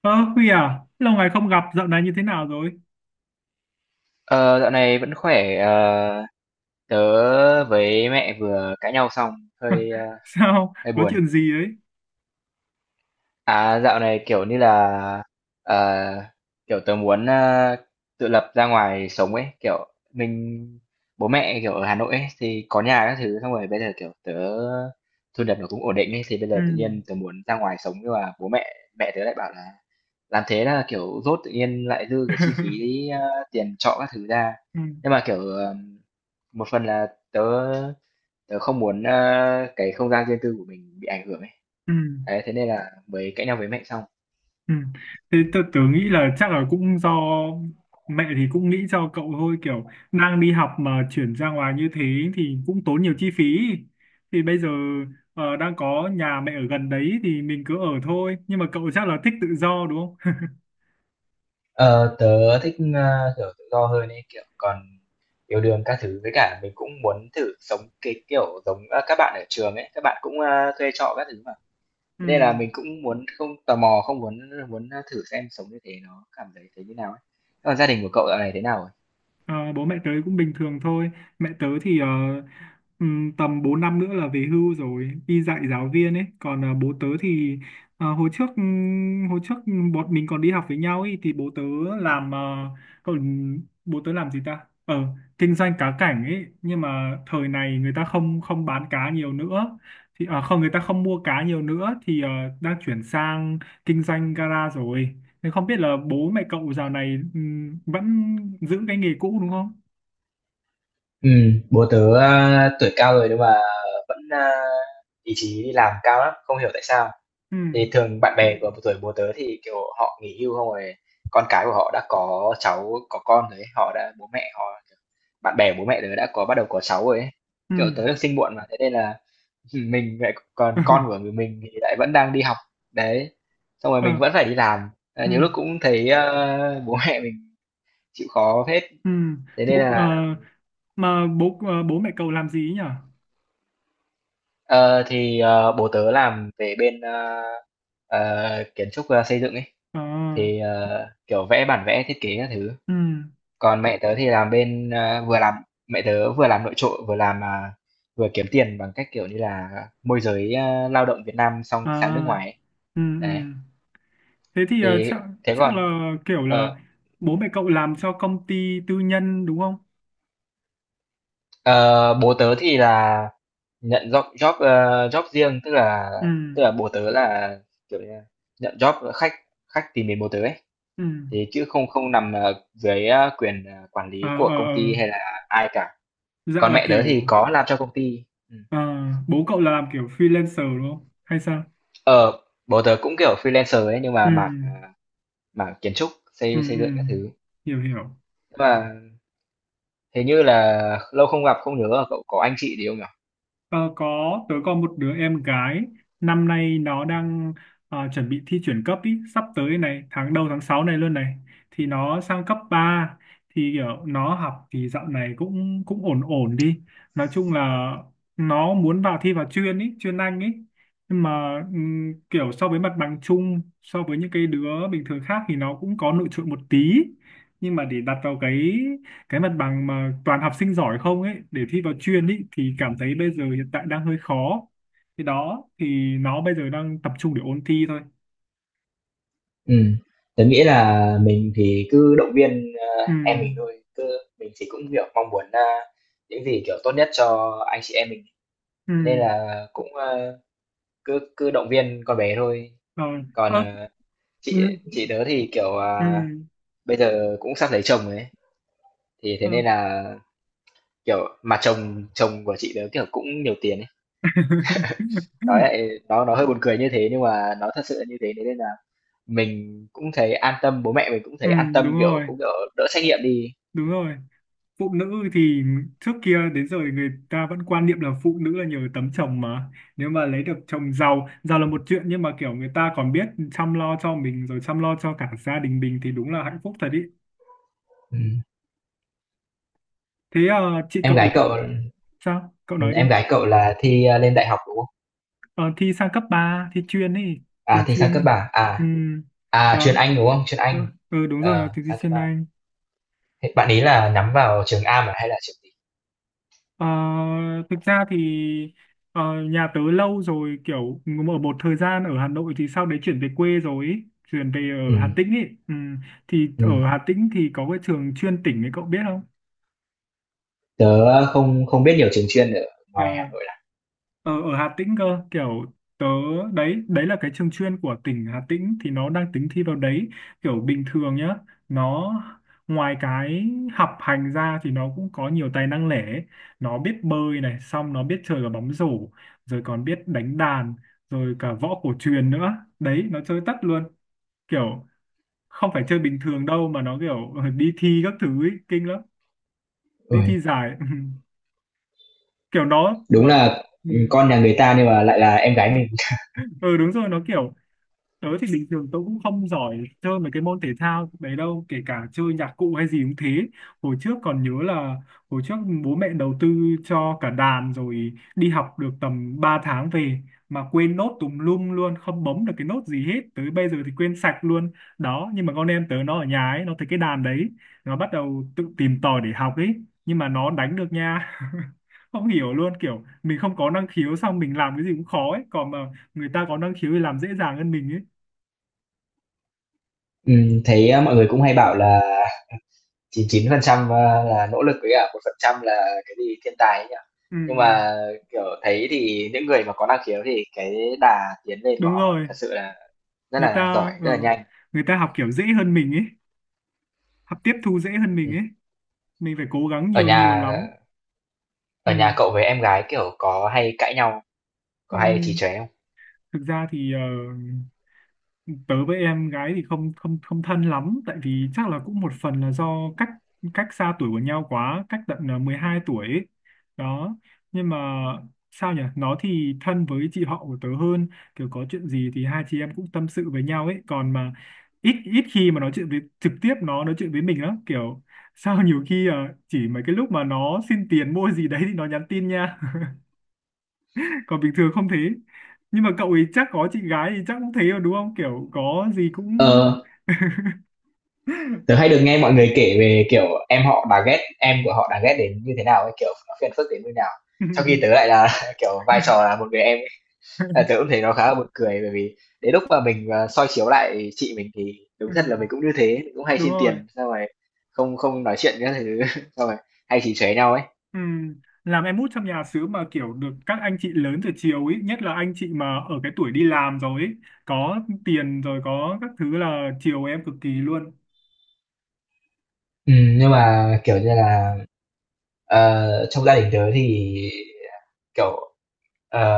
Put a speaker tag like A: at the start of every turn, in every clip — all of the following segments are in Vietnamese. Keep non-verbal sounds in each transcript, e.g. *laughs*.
A: Ơ, Huy à, lâu ngày không gặp, dạo này như thế nào rồi? *laughs*
B: Ờ, dạo này vẫn khỏe. Ờ, tớ với mẹ vừa cãi nhau xong, hơi
A: Sao?
B: hơi
A: Có
B: buồn.
A: chuyện gì ấy?
B: À, dạo này kiểu như là ờ, kiểu tớ muốn tự lập ra ngoài sống ấy, kiểu mình bố mẹ kiểu ở Hà Nội ấy, thì có nhà các thứ, xong rồi bây giờ kiểu tớ thu nhập nó cũng ổn định ấy, thì bây
A: Ừ.
B: giờ tự nhiên tớ muốn ra ngoài sống nhưng mà bố mẹ mẹ tớ lại bảo là làm thế là kiểu dốt tự nhiên lại dư cái chi phí
A: *laughs*
B: tiền trọ các thứ ra
A: Ừ.
B: nhưng mà kiểu một phần là tớ tớ không muốn cái không gian riêng tư của mình bị ảnh hưởng ấy
A: Ừ.
B: đấy, thế nên là mới cãi nhau với mẹ xong.
A: Ừ. Thế tôi tưởng nghĩ là chắc là cũng do mẹ thì cũng nghĩ cho cậu thôi, kiểu đang đi học mà chuyển ra ngoài như thế thì cũng tốn nhiều chi phí. Thì bây giờ đang có nhà mẹ ở gần đấy thì mình cứ ở thôi. Nhưng mà cậu chắc là thích tự do đúng không?
B: Ờ, tớ thích kiểu tự do hơn ấy kiểu còn yêu đương các thứ với cả mình cũng muốn thử sống cái kiểu giống các bạn ở trường ấy các bạn cũng thuê trọ các thứ mà
A: *laughs* Ừ.
B: thế nên là mình cũng muốn không tò mò không muốn muốn thử xem sống như thế nó cảm thấy thế như nào ấy. Thế còn gia đình của cậu dạo này thế nào?
A: Ờ, bố mẹ tớ cũng bình thường thôi. Mẹ tớ thì tầm 4 năm nữa là về hưu rồi, đi dạy giáo viên ấy. Còn bố tớ thì hồi trước bọn mình còn đi học với nhau ấy, thì bố tớ làm còn bố tớ làm gì ta? Ờ, kinh doanh cá cảnh ấy, nhưng mà thời này người ta không không bán cá nhiều nữa. Thì ờ, không người ta không mua cá nhiều nữa thì đang chuyển sang kinh doanh gara rồi. Thế không biết là bố mẹ cậu dạo này vẫn giữ cái nghề cũ đúng không?
B: Ừ, bố tớ, tuổi cao rồi nhưng mà vẫn, ý chí đi làm cao lắm, không hiểu tại sao.
A: Ừ,
B: Thì thường bạn bè của tuổi bố tớ thì, kiểu, họ nghỉ hưu không rồi con cái của họ đã có cháu, có con rồi ấy, họ đã bố mẹ họ bạn bè bố mẹ tớ đã có bắt đầu có cháu rồi ấy.
A: ừ.
B: Kiểu, tớ được sinh muộn mà, thế nên là, *laughs* mình lại còn con của
A: *laughs*
B: người mình thì lại vẫn đang đi học, đấy, xong rồi
A: Ờ,
B: mình vẫn phải đi làm,
A: ừ,
B: nhiều lúc cũng thấy, bố mẹ mình chịu khó hết,
A: ừ.
B: thế nên
A: Bố, ờ,
B: là.
A: mà bố ờ, bố mẹ cậu làm gì ấy nhỉ?
B: Ờ, thì bố tớ làm về bên kiến trúc xây dựng ấy
A: Ờ,
B: thì kiểu vẽ bản vẽ thiết kế các thứ.
A: ừ,
B: Còn mẹ tớ thì làm bên vừa làm mẹ tớ vừa làm nội trợ vừa làm vừa kiếm tiền bằng cách kiểu như là môi giới lao động Việt Nam xong sang nước
A: à,
B: ngoài ấy.
A: ừ,
B: Đấy
A: ừ. Thế thì
B: thì
A: chắc
B: thế
A: chắc
B: còn
A: là kiểu là
B: ờ,
A: bố mẹ cậu làm cho công ty tư nhân đúng không?
B: ờ, bố tớ thì là nhận job job ờ, job riêng tức là
A: Ừ,
B: bố tớ là kiểu như là nhận job khách khách tìm đến bố tớ ấy.
A: ừ,
B: Thế chứ không không nằm, dưới, quyền, quản
A: à,
B: lý
A: ờ,
B: của công
A: ờ.
B: ty hay là ai cả.
A: Dạ
B: Còn
A: là
B: mẹ tớ
A: kiểu
B: thì có làm cho công ty. Ừm.
A: ờ, bố cậu là làm kiểu freelancer đúng không? Hay sao?
B: Ờ, bố tớ cũng, kiểu, freelancer ấy, nhưng
A: Ừ.
B: mà mảng mảng kiến trúc,
A: Ừ,
B: xây xây
A: ừ.
B: dựng các thứ.
A: Hiểu hiểu.
B: Nhưng mà hình như là lâu không gặp, không nhớ là cậu có anh chị gì không nhỉ?
A: Ờ, có tớ có một đứa em gái. Năm nay nó đang chuẩn bị thi chuyển cấp ý, sắp tới này tháng đầu tháng 6 này luôn này, thì nó sang cấp ba. Thì kiểu nó học thì dạo này cũng cũng ổn ổn đi. Nói chung là nó muốn vào thi vào chuyên ý, chuyên Anh ý. Nhưng mà kiểu so với mặt bằng chung, so với những cái đứa bình thường khác thì nó cũng có nổi trội một tí. Nhưng mà để đặt vào cái mặt bằng mà toàn học sinh giỏi không ấy, để thi vào chuyên ấy, thì cảm thấy bây giờ hiện tại đang hơi khó. Thì đó, thì nó bây giờ đang tập trung để ôn thi thôi.
B: Ừm, tớ nghĩ là mình thì cứ động viên,
A: Ừ,
B: em mình thôi, cứ mình thì cũng, kiểu, mong muốn, những gì, kiểu, tốt nhất cho anh chị em mình,
A: ừ.
B: thế nên là cũng, cứ cứ động viên con bé thôi.
A: Rồi.
B: Còn,
A: Ơ, ừ,
B: chị tớ thì kiểu
A: ừ,
B: bây giờ cũng sắp lấy chồng ấy thì thế
A: ờ.
B: nên là kiểu mà chồng chồng của chị tớ kiểu cũng nhiều tiền ấy nói
A: *laughs*
B: lại nó hơi buồn cười như thế nhưng mà nó thật sự là như thế thế nên là mình cũng thấy an tâm bố mẹ mình cũng
A: Ừ,
B: thấy an
A: đúng
B: tâm kiểu
A: rồi,
B: cũng kiểu đỡ trách nhiệm đi. Ừ.
A: đúng rồi. Phụ nữ thì trước kia đến giờ thì người ta vẫn quan niệm là phụ nữ là nhờ tấm chồng mà, nếu mà lấy được chồng giàu, giàu là một chuyện, nhưng mà kiểu người ta còn biết chăm lo cho mình rồi chăm lo cho cả gia đình mình thì đúng là hạnh phúc thật ý.
B: Ừ.
A: Thế chị
B: Em
A: cậu
B: gái cậu.
A: sao? Cậu
B: Ừ,
A: nói
B: em
A: đi.
B: gái cậu là thi lên đại học đúng không?
A: Ờ, thi sang cấp ba, thi chuyên ấy,
B: À
A: trường
B: thi sang
A: chuyên
B: cấp
A: ấy.
B: ba.
A: Ừ,
B: À chuyên
A: đó.
B: Anh đúng không? Chuyên
A: Ừ,
B: Anh.
A: ừ, đúng rồi, là
B: Ờ
A: thi
B: sang cấp
A: chuyên
B: ba.
A: Anh.
B: Thế bạn ý là nhắm vào trường Am à hay là trường gì?
A: Ờ, thực ra thì ờ, nhà tớ lâu rồi, kiểu ở một thời gian ở Hà Nội thì sau đấy chuyển về quê rồi ấy. Chuyển về ở Hà Tĩnh ấy. Ừ, thì
B: Ừ.
A: ở Hà Tĩnh thì có cái trường chuyên tỉnh ấy, cậu biết không?
B: Tớ ờ, không không biết nhiều trường chuyên ở
A: Ờ,
B: ngoài Hà Nội lắm.
A: ở, ở Hà Tĩnh cơ, kiểu tớ, đấy đấy là cái trường chuyên của tỉnh Hà Tĩnh, thì nó đang tính thi vào đấy. Kiểu bình thường nhá, nó ngoài cái học hành ra thì nó cũng có nhiều tài năng lẻ ấy. Nó biết bơi này, xong nó biết chơi cả bóng rổ, rồi còn biết đánh đàn, rồi cả võ cổ truyền nữa đấy, nó chơi tất luôn. Kiểu không phải chơi bình thường đâu, mà nó kiểu *laughs* đi thi các thứ ấy, kinh lắm. Đi
B: Ôi,
A: thi giải *laughs* kiểu nó
B: đúng
A: nó.
B: là,
A: Ừ,
B: ừ, con nhà người ta nhưng mà lại là em gái mình. *laughs*
A: ừ, đúng rồi, nó kiểu. Tớ thì bình thường tớ cũng không giỏi chơi mấy cái môn thể thao đấy đâu, kể cả chơi nhạc cụ hay gì cũng thế. Hồi trước còn nhớ là hồi trước bố mẹ đầu tư cho cả đàn, rồi đi học được tầm 3 tháng về mà quên nốt tùm lum luôn, không bấm được cái nốt gì hết. Tới bây giờ thì quên sạch luôn. Đó, nhưng mà con em tớ nó ở nhà ấy, nó thấy cái đàn đấy, nó bắt đầu tự tìm tòi để học ấy, nhưng mà nó đánh được nha. *laughs* Không hiểu luôn, kiểu mình không có năng khiếu, xong mình làm cái gì cũng khó ấy, còn mà người ta có năng khiếu thì làm dễ dàng hơn mình.
B: Thấy, mọi người cũng hay bảo là 99% là nỗ lực với cả 1% là cái gì thiên tài ấy nhỉ?
A: Ừ,
B: Nhưng mà, kiểu, thấy thì những người mà có năng khiếu thì cái đà tiến lên của
A: đúng
B: họ
A: rồi,
B: thật sự là rất
A: người
B: là giỏi,
A: ta ờ,
B: rất là nhanh.
A: người ta học kiểu dễ hơn mình ấy, học tiếp thu dễ hơn mình
B: Ừm.
A: ấy. Mình phải cố gắng
B: Ở
A: nhiều, nhiều
B: nhà
A: lắm. Ừ,
B: Ở nhà cậu với em gái, kiểu, có hay cãi nhau,
A: ừ.
B: có hay trì tróe không?
A: Thực ra thì tớ với em gái thì không không không thân lắm, tại vì chắc là cũng một phần là do cách, cách xa tuổi của nhau quá, cách tận 12 tuổi ấy. Đó, nhưng mà sao nhỉ, nó thì thân với chị họ của tớ hơn, kiểu có chuyện gì thì hai chị em cũng tâm sự với nhau ấy, còn mà ít ít khi mà nói chuyện với trực tiếp, nó nói chuyện với mình lắm kiểu. Sao nhiều khi chỉ mấy cái lúc mà nó xin tiền mua gì đấy thì nó nhắn tin nha. *laughs* Còn bình thường không thế, nhưng mà cậu ấy chắc có chị gái thì chắc cũng thế rồi đúng không, kiểu có gì cũng.
B: Ờ.
A: *laughs*
B: Tớ hay được nghe mọi người kể về kiểu em họ bà ghét em của họ đã ghét đến như thế nào ấy kiểu nó phiền phức đến như nào
A: Ừ.
B: trong khi tớ lại là *laughs* kiểu vai trò là một người em ấy. À, tớ cũng thấy nó khá là buồn cười bởi vì đến lúc mà mình soi chiếu lại chị mình thì đúng
A: Ừ.
B: thật là mình cũng như thế mình cũng hay
A: Đúng
B: xin
A: rồi.
B: tiền xong rồi không không nói chuyện các thứ *laughs* xong rồi hay chỉ xóe nhau ấy.
A: Ừ. Làm em út trong nhà xứ mà kiểu được các anh chị lớn từ chiều ấy, nhất là anh chị mà ở cái tuổi đi làm rồi ấy, có tiền rồi có các thứ là chiều em cực kỳ luôn.
B: Ừ, nhưng mà kiểu như là trong gia đình tớ thì kiểu ờ,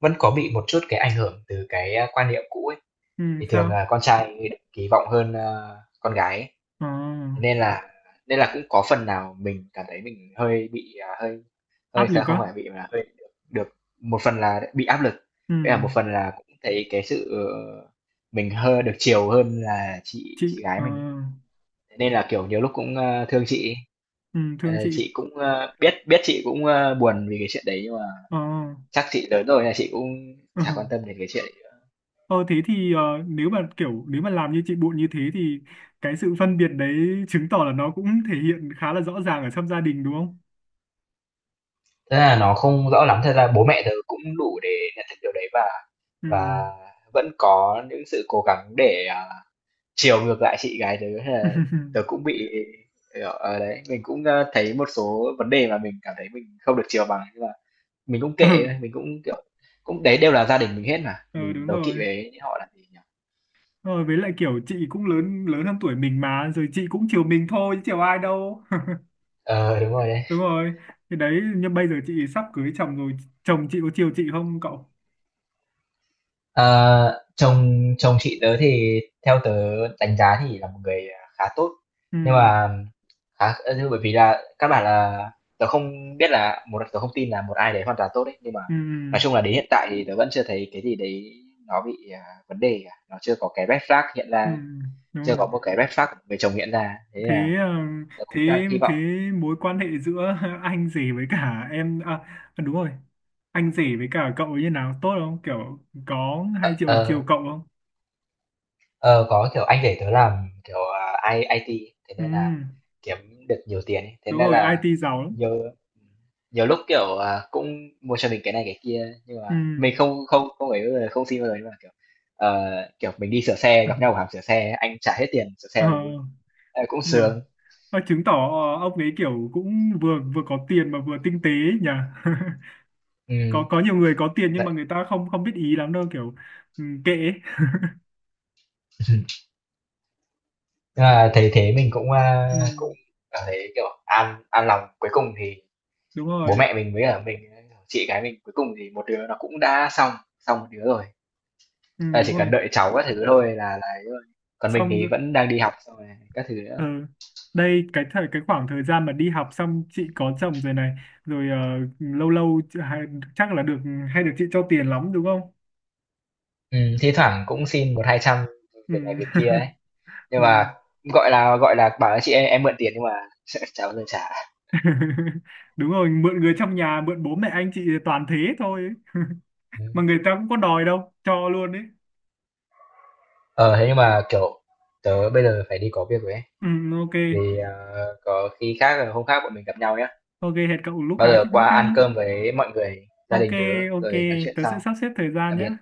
B: vẫn có bị một chút cái ảnh hưởng từ cái quan niệm cũ ấy.
A: Ừ,
B: Thì thường
A: sao.
B: là con trai kỳ vọng hơn, con gái ấy,
A: Ờ,
B: thế nên là cũng có phần nào mình cảm thấy mình hơi bị, hơi hơi
A: áp
B: thật
A: lực
B: không
A: á.
B: phải bị mà hơi được được một phần là bị áp lực,
A: Ừ.
B: với là một phần là cũng thấy cái sự, mình hơi được chiều hơn là
A: Chị
B: chị gái mình ấy. Thế nên là, kiểu, nhiều lúc cũng, thương chị ấy,
A: ừ, thương chị.
B: chị cũng, biết biết chị cũng, buồn vì cái chuyện đấy nhưng mà
A: Ờ,
B: chắc chị lớn rồi nên là chị cũng
A: ờ.
B: chả quan tâm đến cái chuyện đấy nữa.
A: Ờ, thế thì nếu mà kiểu nếu mà làm như chị Bụi như thế thì cái sự phân biệt đấy chứng tỏ là nó cũng thể hiện khá là rõ ràng ở trong gia đình đúng không?
B: Thế là nó không rõ lắm, thật ra bố mẹ tớ cũng đủ để nhận thức điều đấy
A: Ừ.
B: và vẫn có những sự cố gắng để, chiều ngược lại chị gái tớ hay là tớ cũng
A: *laughs*
B: bị, đấy, mình cũng, thấy một số vấn đề mà mình cảm thấy mình không được chiều bằng, nhưng mà mình cũng
A: Ừ,
B: kệ thôi, mình cũng, kiểu cũng đấy đều là gia đình mình hết mà,
A: ừ,
B: mình
A: đúng
B: đố kỵ
A: rồi.
B: với họ làm gì nhỉ?
A: Rồi với lại kiểu chị cũng lớn, lớn hơn tuổi mình mà, rồi chị cũng chiều mình thôi chứ chiều ai đâu.
B: Ờ, đúng rồi
A: *laughs*
B: đấy.
A: Đúng rồi. Thì đấy, nhưng bây giờ chị sắp cưới chồng rồi, chồng chị có chiều chị không cậu?
B: Ờ, chồng chồng chị tớ thì theo tớ đánh giá thì là một người khá tốt
A: Ừ,
B: nhưng mà khá bởi vì là các bạn là tớ không biết là một tớ không tin là một ai đấy hoàn toàn tốt đấy nhưng mà
A: ừ,
B: nói chung
A: ừ.
B: là đến hiện tại thì tớ vẫn chưa thấy cái gì đấy nó bị vấn đề cả nó chưa có cái red flag hiện
A: Ừ,
B: ra
A: đúng
B: chưa
A: rồi.
B: có một cái red flag của người chồng hiện ra thế
A: Thế
B: là
A: ờ,
B: tớ cũng
A: thế
B: đang hy
A: thế
B: vọng
A: mối quan hệ giữa *laughs* anh rể với cả em à. À, đúng rồi, anh rể với cả cậu như nào, tốt không kiểu, có hay chiều chiều
B: ờ,
A: cậu không?
B: Ờ, có, kiểu, anh để tớ làm, kiểu, IT, thế
A: Ừ,
B: nên là kiếm được nhiều tiền ấy. Thế
A: đúng
B: nên
A: rồi,
B: là
A: IT giàu lắm.
B: nhiều nhiều lúc, kiểu, cũng mua cho mình cái này cái kia, nhưng
A: Ừ.
B: mà mình không không không ấy bao không xin bao giờ, nhưng mà, kiểu, ờ, kiểu, mình đi sửa xe, gặp nhau
A: *laughs*
B: ở hàng sửa xe, anh trả hết tiền sửa
A: Ờ.
B: xe mình luôn. Ờ, cũng
A: Nhỉ.
B: sướng.
A: Ờ, chứng tỏ ông ấy kiểu cũng vừa vừa có tiền mà vừa tinh tế ấy nhỉ. *laughs* có
B: Ừm,
A: có nhiều người có tiền nhưng
B: đấy.
A: mà người ta không không biết ý lắm đâu kiểu. Ừ, kệ ấy.
B: *laughs* Nhưng mà thấy thế mình cũng,
A: Ừ,
B: cũng cảm thấy, kiểu, an lòng. Cuối cùng thì
A: đúng
B: bố
A: rồi.
B: mẹ mình với cả mình, chị gái mình, cuối cùng thì một đứa nó cũng đã xong xong một đứa rồi.
A: Ừ,
B: Là
A: đúng
B: chỉ cần
A: rồi.
B: đợi cháu các thứ thôi là ấy rồi. Còn mình
A: Xong
B: thì
A: rồi
B: vẫn đang đi học xong rồi các thứ nữa.
A: ờ, đây cái thời, cái khoảng thời gian mà đi học xong chị có chồng rồi này, rồi ờ, lâu lâu chị- hay- chắc là được hay được chị cho tiền lắm đúng không?
B: Thi thoảng cũng xin một hai trăm việc này
A: Ừ.
B: việc kia ấy. Nhưng
A: *laughs* Ừ.
B: mà gọi là, bảo là "Chị ơi, em mượn tiền" nhưng mà *laughs* chả bao giờ *laughs* trả.
A: *laughs* Đúng rồi, mượn người trong nhà, mượn bố mẹ anh chị toàn thế thôi. *laughs*
B: Ừm.
A: Mà người ta cũng có đòi đâu, cho luôn đấy.
B: Ờ, thế nhưng mà, kiểu, tớ bây giờ phải đi có việc rồi ấy,
A: Ừ, ok.
B: thì, có khi khác là hôm khác bọn mình gặp nhau nhá.
A: Ok, hẹn cậu lúc
B: Bao
A: khác,
B: giờ
A: lúc
B: qua
A: khác
B: ăn
A: nhé.
B: cơm với mọi người, gia
A: Ok.
B: đình tớ
A: Ok,
B: rồi nói chuyện
A: tớ sẽ
B: sau.
A: sắp xếp thời gian
B: Tạm
A: nhé.
B: biệt.